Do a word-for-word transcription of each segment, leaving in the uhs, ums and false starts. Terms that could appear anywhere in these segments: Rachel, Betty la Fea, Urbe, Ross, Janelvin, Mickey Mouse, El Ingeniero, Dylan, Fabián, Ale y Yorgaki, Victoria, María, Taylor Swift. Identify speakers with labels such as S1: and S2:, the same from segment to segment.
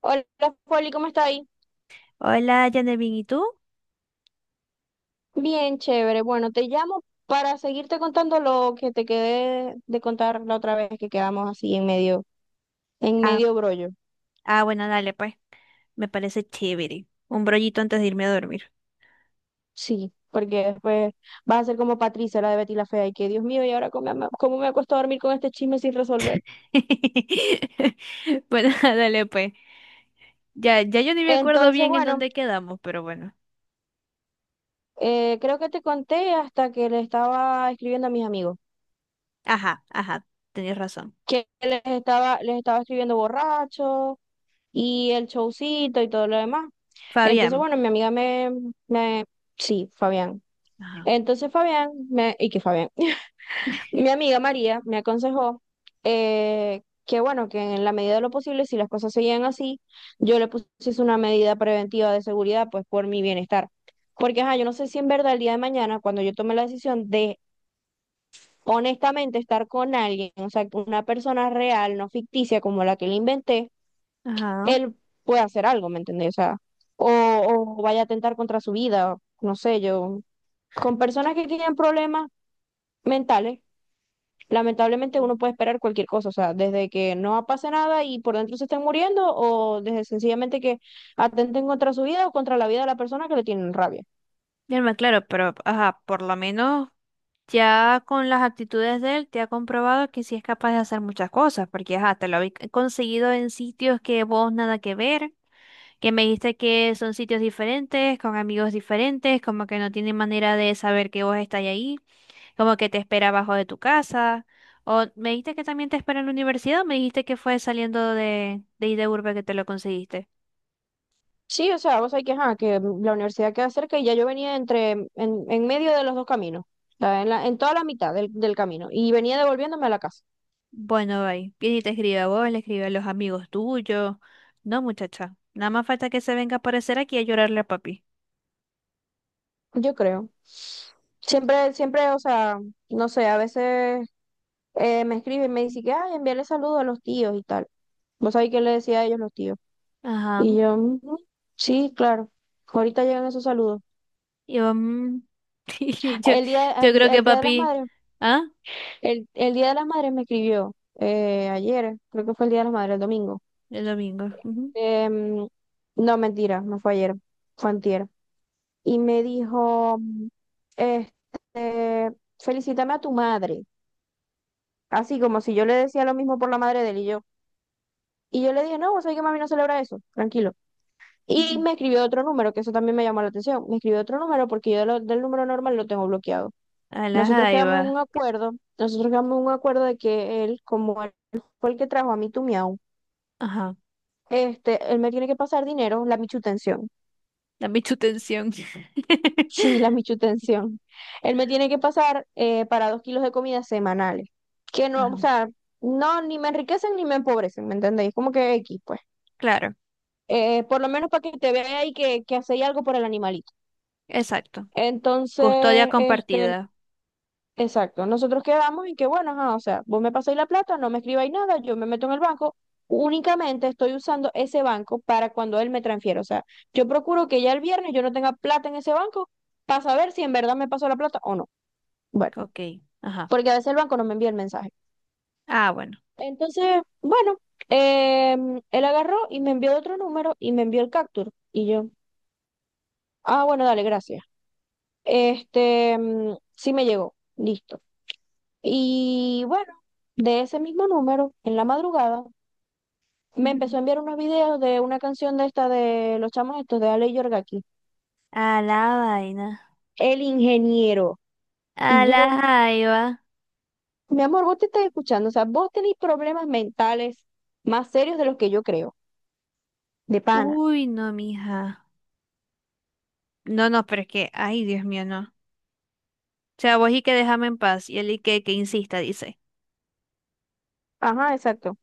S1: Hola, Foli, ¿cómo está ahí?
S2: Hola, Janelvin, ¿y tú?
S1: Bien, chévere. Bueno, te llamo para seguirte contando lo que te quedé de contar la otra vez que quedamos así en medio, en
S2: Ah,
S1: medio brollo.
S2: ah, bueno, dale, pues, me parece chévere. Un brollito antes de irme a dormir.
S1: Sí, porque después vas a ser como Patricia, la de Betty la Fea, y que Dios mío, ¿y ahora cómo me, cómo me acuesto a dormir con este chisme sin resolver?
S2: Bueno, dale, pues. Ya, ya yo ni me acuerdo
S1: Entonces,
S2: bien en
S1: bueno,
S2: dónde quedamos, pero bueno.
S1: eh, creo que te conté hasta que le estaba escribiendo a mis amigos,
S2: Ajá, ajá, tenías razón.
S1: que les estaba, les estaba escribiendo borracho y el showcito y todo lo demás. Entonces,
S2: Fabián.
S1: bueno, mi amiga me, me, sí, Fabián.
S2: Ajá.
S1: Entonces Fabián, me, y que Fabián, Mi amiga María me aconsejó eh, que bueno, que en la medida de lo posible, si las cosas seguían así, yo le pusiese una medida preventiva de seguridad, pues por mi bienestar. Porque, ajá, yo no sé si en verdad el día de mañana, cuando yo tome la decisión de honestamente estar con alguien, o sea, una persona real, no ficticia como la que le inventé,
S2: Ajá.
S1: él puede hacer algo, ¿me entendés? O sea, o, o vaya a atentar contra su vida, no sé, yo. Con personas que tienen problemas mentales, lamentablemente uno puede esperar cualquier cosa, o sea, desde que no pase nada y por dentro se estén muriendo, o desde sencillamente que atenten contra su vida o contra la vida de la persona que le tienen rabia.
S2: Ya no me claro, pero ajá, por lo menos ya con las actitudes de él te ha comprobado que sí es capaz de hacer muchas cosas, porque ajá, te lo habéis conseguido en sitios que vos nada que ver. Que me dijiste que son sitios diferentes, con amigos diferentes, como que no tienen manera de saber que vos estás ahí, como que te espera abajo de tu casa, o me dijiste que también te espera en la universidad, o me dijiste que fue saliendo de, de ahí de Urbe que te lo conseguiste.
S1: Sí, o sea, vos sabés que, ajá, que la universidad queda cerca y ya yo venía entre, en, en medio de los dos caminos, o sea, en la, en toda la mitad del, del camino y venía devolviéndome a la casa.
S2: Bueno, bye. Viene y te escribe a vos, le escribe a los amigos tuyos. No, muchacha, nada más falta que se venga a aparecer aquí a llorarle a papi.
S1: Yo creo. Siempre, siempre, o sea, no sé, a veces eh, me escriben y me dicen que, ay, envíale saludos a los tíos y tal. ¿Vos sabés qué le decía a ellos los tíos?
S2: Ajá.
S1: Y yo, "Ujú, sí, claro. Ahorita llegan esos saludos.
S2: Y yo, mm, y yo,
S1: El día,
S2: yo
S1: el
S2: creo
S1: día
S2: que
S1: el día de las
S2: papi,
S1: madres,
S2: ¿ah?
S1: el, el día de las madres me escribió eh, ayer, creo que fue el día de las madres, el domingo.
S2: El domingo, ujú,
S1: Em, no, mentira, no fue ayer, fue antier. Y me dijo, este, felicítame a tu madre. Así como si yo le decía lo mismo por la madre de él y yo. Y yo le dije, no, vos sabés que mami no celebra eso, tranquilo. Y
S2: ujú.
S1: me escribió otro número, que eso también me llamó la atención. Me escribió otro número porque yo de lo- del número normal lo tengo bloqueado.
S2: A la
S1: Nosotros quedamos en un
S2: jaiba.
S1: acuerdo, Nosotros quedamos en un acuerdo de que él, como él fue el que trajo a mi tu miau,
S2: Ajá.
S1: este, él me tiene que pasar dinero, la michutención.
S2: Dame tu tensión.
S1: Sí, la michutención. Él me tiene que pasar eh, para dos kilos de comida semanales. Que no,
S2: Ajá.
S1: o sea, no, ni me enriquecen ni me empobrecen, ¿me entendéis? Como que X, pues.
S2: Claro,
S1: Eh, por lo menos para que te vea y que, que hacéis algo por el animalito.
S2: exacto. Custodia
S1: Entonces, este,
S2: compartida.
S1: exacto, nosotros quedamos en que, bueno, ajá, o sea, vos me pasáis la plata, no me escribáis nada, yo me meto en el banco, únicamente estoy usando ese banco para cuando él me transfiera, o sea, yo procuro que ya el viernes yo no tenga plata en ese banco para saber si en verdad me pasó la plata o no. Bueno,
S2: Ok, ajá.
S1: porque a veces el banco no me envía el mensaje.
S2: Ah, bueno.
S1: Entonces, bueno, em, él agarró y me envió otro número y me envió el capture y yo, ah, bueno, dale, gracias. Este, mm, sí me llegó, listo. Y bueno, de ese mismo número, en la madrugada, me
S2: Ujú.
S1: empezó a enviar unos videos de una canción de esta de los chamos estos de Ale y Yorgaki,
S2: A la vaina.
S1: El Ingeniero.
S2: A
S1: Y
S2: la
S1: yo,
S2: jaiba.
S1: mi amor, vos te estás escuchando, o sea, vos tenés problemas mentales más serios de los que yo creo, de pana.
S2: Uy, no, mija. No, no, pero es que, ay, Dios mío, no. O sea, vos y que déjame en paz. Y él y que, que insista, dice.
S1: Ajá, exacto.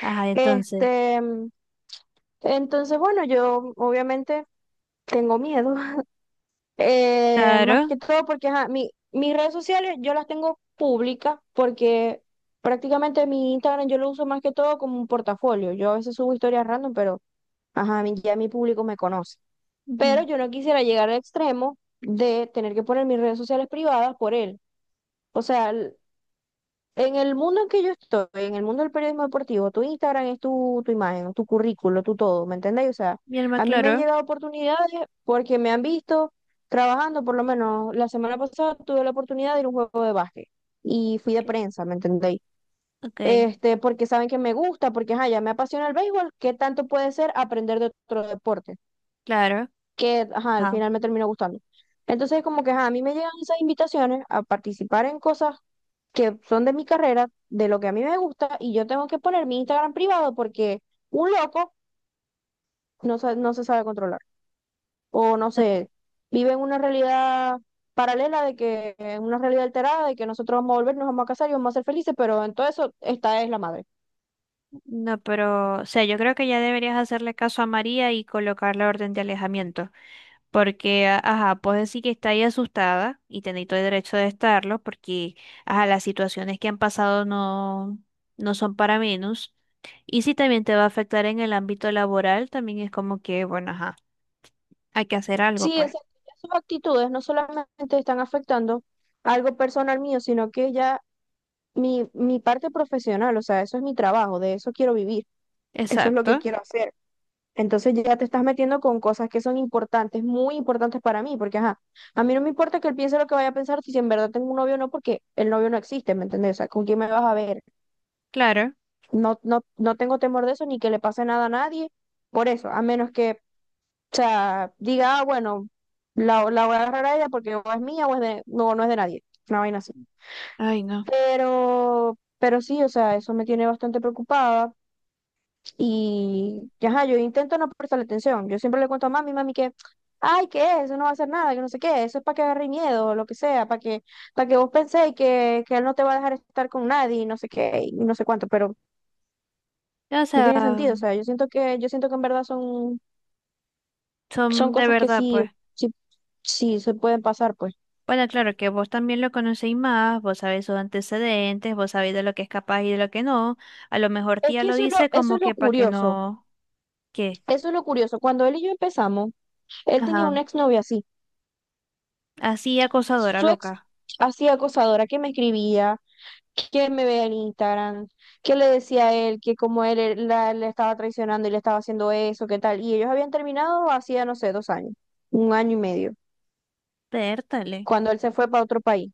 S2: Ajá, entonces.
S1: Este, mm, entonces, bueno, yo obviamente tengo miedo. Eh, más
S2: Claro,
S1: que todo porque ajá, mi, mis redes sociales yo las tengo públicas porque prácticamente mi Instagram yo lo uso más que todo como un portafolio. Yo a veces subo historias random, pero ajá, mi- ya mi público me conoce. Pero
S2: ujú,
S1: yo no quisiera llegar al extremo de tener que poner mis redes sociales privadas por él. O sea, en el mundo en que yo estoy, en el mundo del periodismo deportivo, tu Instagram es tu, tu imagen, tu currículo, tu todo, ¿me entendéis? O sea,
S2: mi alma,
S1: a mí me han
S2: claro.
S1: llegado oportunidades porque me han visto trabajando, por lo menos la semana pasada tuve la oportunidad de ir a un juego de básquet y fui de
S2: Ok.
S1: prensa, ¿me entendéis?
S2: Ok,
S1: Este, porque saben que me gusta, porque ajá, ya me apasiona el béisbol, ¿qué tanto puede ser aprender de otro deporte?
S2: claro.
S1: Que ajá, al
S2: Ajá.
S1: final me terminó gustando. Entonces, como que ajá, a mí me llegan esas invitaciones a participar en cosas que son de mi carrera, de lo que a mí me gusta, y yo tengo que poner mi Instagram privado porque un loco no se, no se sabe controlar. O no sé, vive en una realidad paralela de que, en una realidad alterada de que nosotros vamos a volver, nos vamos a casar y vamos a ser felices, pero en todo eso, esta es la madre.
S2: No, pero, o sea, yo creo que ya deberías hacerle caso a María y colocar la orden de alejamiento, porque, a- ajá, puedes decir que está ahí asustada y tenéis todo el derecho de estarlo, porque, ajá, las situaciones que han pasado no, no son para menos. Y si también te va a afectar en el ámbito laboral, también es como que, bueno, ajá, hay que hacer algo,
S1: Sí,
S2: pues.
S1: esas, sus actitudes no solamente están afectando algo personal mío, sino que ya mi, mi parte profesional, o sea, eso es mi trabajo, de eso quiero vivir, eso es lo
S2: Exacto,
S1: que quiero hacer. Entonces ya te estás metiendo con cosas que son importantes, muy importantes para mí, porque ajá, a mí no me importa que él piense lo que vaya a pensar si en verdad tengo un novio o no, porque el novio no existe, ¿me entendés? O sea, ¿con quién me vas a ver?
S2: claro.
S1: No, no, no tengo temor de eso, ni que le pase nada a nadie, por eso, a menos que, o sea, diga, ah, bueno, la, la voy a agarrar a ella porque o es mía o es de, no, no es de nadie, una vaina así.
S2: Ay, no.
S1: Pero, pero sí, o sea, eso me tiene bastante preocupada. Y, y ajá, yo intento no prestarle atención. Yo siempre le cuento a mami, mami, que, ay, que eso no va a hacer nada, que no sé qué, eso es para que agarre miedo, o lo que sea, para que, para que vos penséis que, que él no te va a dejar estar con nadie, y no sé qué, y no sé cuánto, pero
S2: O
S1: no tiene
S2: sea,
S1: sentido. O sea, yo siento que, yo siento que en verdad son, son
S2: son de
S1: cosas que
S2: verdad,
S1: sí,
S2: pues.
S1: sí, sí se pueden pasar, pues.
S2: Bueno, claro que vos también lo conocéis más, vos sabés sus antecedentes, vos sabéis de lo que es capaz y de lo que no. A lo mejor
S1: Es
S2: tía
S1: que
S2: lo
S1: eso es lo,
S2: dice
S1: eso
S2: como
S1: es lo
S2: que para que
S1: curioso,
S2: no, ¿qué?
S1: eso es lo curioso. Cuando él y yo empezamos, él tenía
S2: Ajá,
S1: una exnovia así.
S2: así acosadora
S1: Su ex
S2: loca.
S1: así acosadora que me escribía que me vea en Instagram, que le decía a él que como él e- la, le estaba traicionando y le estaba haciendo eso, qué tal. Y ellos habían terminado hacía, no sé, dos años, un año y medio,
S2: Pértale.
S1: cuando él se fue para otro país.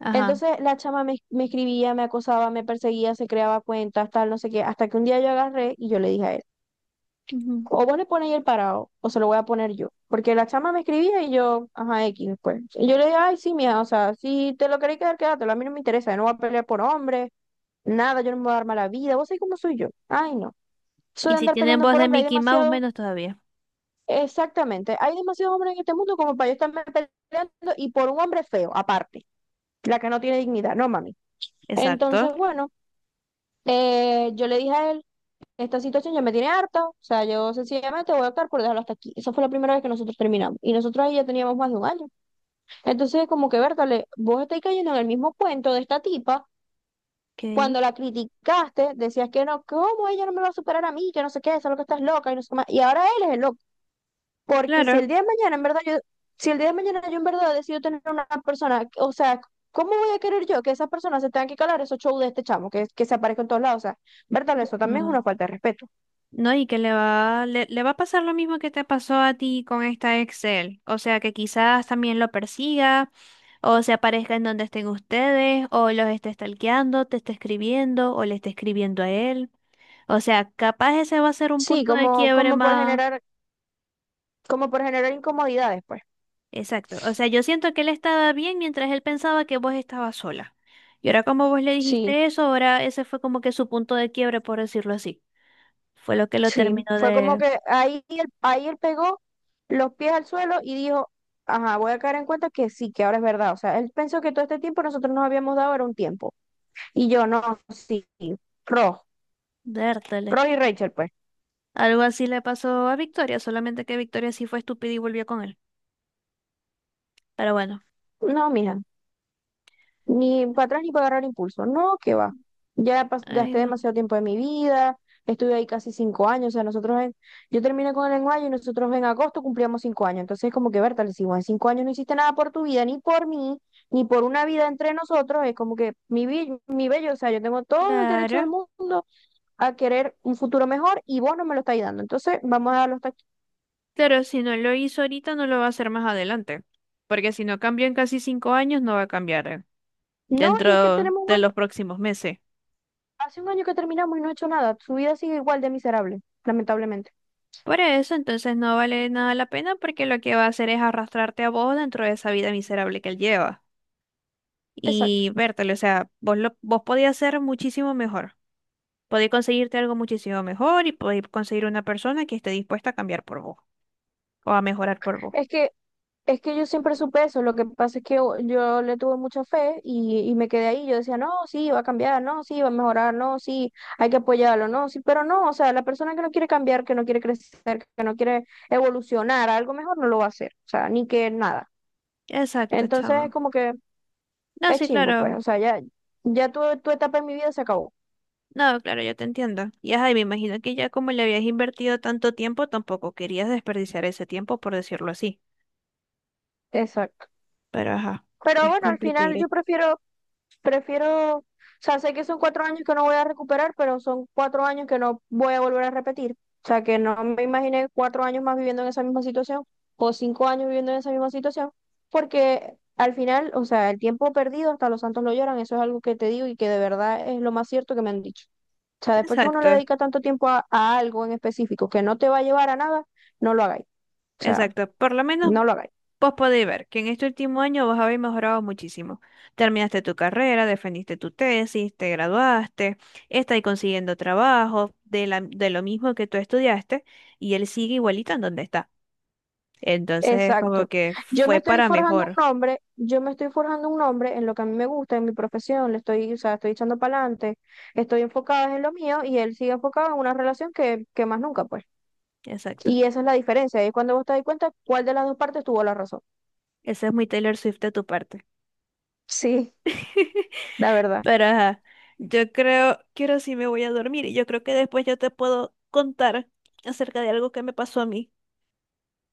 S2: Ajá.
S1: Entonces la chama me, me escribía, me acosaba, me perseguía, se creaba cuentas, tal, no sé qué, hasta que un día yo agarré y yo le dije a él,
S2: Ujú.
S1: o vos le pones el parado, o se lo voy a poner yo. Porque la chama me escribía y yo, ajá, X después. Y yo le dije, ay, sí, mija, o sea, si te lo queréis quedar, quédatelo, a mí no me interesa, yo no voy a pelear por hombres. Nada, yo no me voy a dar mala vida. ¿Vos sabés cómo soy yo? Ay, no. Soy
S2: Y
S1: de
S2: si
S1: andar
S2: tienen
S1: peleando
S2: voz
S1: por
S2: de
S1: hombre. Hay
S2: Mickey Mouse,
S1: demasiado,
S2: menos todavía.
S1: exactamente, hay demasiados hombres en este mundo como para yo estarme peleando y por un hombre feo, aparte, la que no tiene dignidad, no mami.
S2: Exacto.
S1: Entonces, bueno, eh, yo le dije a él, esta situación ya me tiene harta, o sea, yo sencillamente voy a optar por dejarlo hasta aquí. Esa fue la primera vez que nosotros terminamos y nosotros ahí ya teníamos más de un año. Entonces, como que, Bertale, vos estáis cayendo en el mismo cuento de esta tipa.
S2: Ok,
S1: Cuando la criticaste, decías que no, ¿cómo ella no me va a superar a mí? Que no sé qué, solo que estás loca y no sé qué más. Y ahora él es el loco. Porque si
S2: claro.
S1: el día de mañana, en verdad, yo, si el día de mañana yo en verdad decido tener una persona, o sea, ¿cómo voy a querer yo que esas personas se tengan que calar esos shows de este chamo que, que se aparezca en todos lados? O sea, verdad, eso también es
S2: Ah.
S1: una falta de respeto.
S2: No, y que le va, le, le va a pasar lo mismo que te pasó a ti con esta Excel. O sea, que quizás también lo persiga, o se aparezca en donde estén ustedes, o los esté stalkeando, te esté escribiendo, o le esté escribiendo a él. O sea, capaz ese va a ser un
S1: Sí,
S2: punto de
S1: como,
S2: quiebre
S1: como por
S2: más.
S1: generar, como por generar incomodidades, pues.
S2: Exacto. O sea, yo siento que él estaba bien mientras él pensaba que vos estabas sola. Y ahora como vos le
S1: Sí,
S2: dijiste eso, ahora ese fue como que su punto de quiebre, por decirlo así. Fue lo que lo
S1: Sí,
S2: terminó
S1: fue como
S2: de,
S1: que ahí él, ahí él pegó los pies al suelo y dijo, ajá, voy a caer en cuenta que sí, que ahora es verdad. O sea, él pensó que todo este tiempo nosotros nos habíamos dado era un tiempo. Y yo, no, sí, Ross,
S2: de hartar.
S1: Ross y Rachel, pues.
S2: Algo así le pasó a Victoria, solamente que Victoria sí fue estúpida y volvió con él. Pero bueno,
S1: No, mija. Ni para atrás ni para agarrar impulso. No, que va. Ya pas-
S2: ay
S1: gasté
S2: no.
S1: demasiado tiempo de mi vida, estuve ahí casi cinco años. O sea, nosotros en, yo terminé con el lenguaje y nosotros en agosto cumplíamos cinco años. Entonces, como que, Berta, le decimos, en cinco años no hiciste nada por tu vida, ni por mí, ni por una vida entre nosotros. Es como que mi, bi- mi bello, o sea, yo tengo todo el derecho del
S2: Claro,
S1: mundo a querer un futuro mejor y vos no me lo estáis dando. Entonces, vamos a darlo hasta aquí.
S2: claro, si no lo hizo ahorita, no lo va a hacer más adelante. Porque si no cambió en casi cinco años, no va a cambiar eh,
S1: No, y es que
S2: dentro
S1: tenemos un
S2: de
S1: año-
S2: los próximos meses.
S1: hace un año que terminamos y no he hecho nada. Su vida sigue igual de miserable, lamentablemente.
S2: Por eso, entonces no vale nada la pena porque lo que va a hacer es arrastrarte a vos dentro de esa vida miserable que él lleva.
S1: Exacto.
S2: Y vértelo, o sea, vos, lo, vos podías ser muchísimo mejor. Podéis conseguirte algo muchísimo mejor y podéis conseguir una persona que esté dispuesta a cambiar por vos, o a mejorar por vos.
S1: Es que, es que yo siempre supe eso, lo que pasa es que yo, yo le tuve mucha fe y, y me quedé ahí, yo decía, no, sí, va a cambiar, no, sí, va a mejorar, no, sí, hay que apoyarlo, no, sí, pero no, o sea, la persona que no quiere cambiar, que no quiere crecer, que no quiere evolucionar a algo mejor, no lo va a hacer, o sea, ni que nada.
S2: Exacto,
S1: Entonces es
S2: chamo.
S1: como que
S2: No,
S1: es
S2: sí,
S1: chimbo, pues,
S2: claro.
S1: o sea, ya, ya tu, tu etapa en mi vida se acabó.
S2: No, claro, yo te entiendo. Y ajá, y me imagino que ya como le habías invertido tanto tiempo, tampoco querías desperdiciar ese tiempo, por decirlo así.
S1: Exacto.
S2: Pero ajá,
S1: Pero
S2: es
S1: bueno, al final
S2: complicado.
S1: yo prefiero prefiero, o sea, sé que son cuatro años que no voy a recuperar, pero son cuatro años que no voy a volver a repetir. O sea, que no me imaginé cuatro años más viviendo en esa misma situación o cinco años viviendo en esa misma situación, porque al final, o sea, el tiempo perdido hasta los santos lo lloran, eso es algo que te digo y que de verdad es lo más cierto que me han dicho. O sea, después que uno le
S2: Exacto,
S1: dedica tanto tiempo a, a algo en específico que no te va a llevar a nada, no lo hagáis. O sea,
S2: exacto. Por lo menos
S1: no lo hagáis.
S2: vos podéis ver que en este último año vos habéis mejorado muchísimo. Terminaste tu carrera, defendiste tu tesis, te graduaste, estáis consiguiendo trabajo de la- de lo mismo que tú estudiaste y él sigue igualito en donde está. Entonces es como
S1: Exacto.
S2: que
S1: Yo me
S2: fue
S1: estoy
S2: para
S1: forjando un
S2: mejor.
S1: nombre, yo me estoy forjando un nombre en lo que a mí me gusta, en mi profesión, le estoy, o sea, estoy echando para adelante, estoy enfocada en lo mío y él sigue enfocado en una relación que, que más nunca, pues.
S2: Exacto.
S1: Y esa es la diferencia, es cuando vos te das cuenta cuál de las dos partes tuvo la razón.
S2: Ese es muy Taylor Swift de tu parte.
S1: Sí, la verdad.
S2: Pero ajá, yo creo que ahora sí me voy a dormir y yo creo que después yo te puedo contar acerca de algo que me pasó a mí,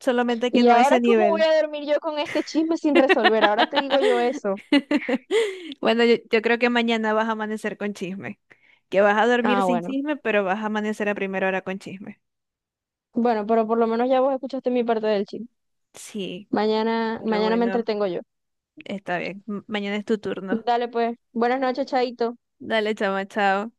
S2: solamente que
S1: ¿Y
S2: no a
S1: ahora
S2: ese
S1: cómo voy
S2: nivel.
S1: a dormir yo con este chisme sin resolver? Ahora te digo yo eso.
S2: Bueno, yo, yo creo que mañana vas a amanecer con chisme, que vas a dormir
S1: Ah,
S2: sin
S1: bueno.
S2: chisme, pero vas a amanecer a primera hora con chisme.
S1: Bueno, pero por lo menos ya vos escuchaste mi parte del chisme.
S2: Sí,
S1: Mañana,
S2: pero
S1: mañana me
S2: bueno,
S1: entretengo yo.
S2: está bien. M- Mañana es tu turno.
S1: Dale pues. Buenas noches, Chaito.
S2: Dale, chama, chao.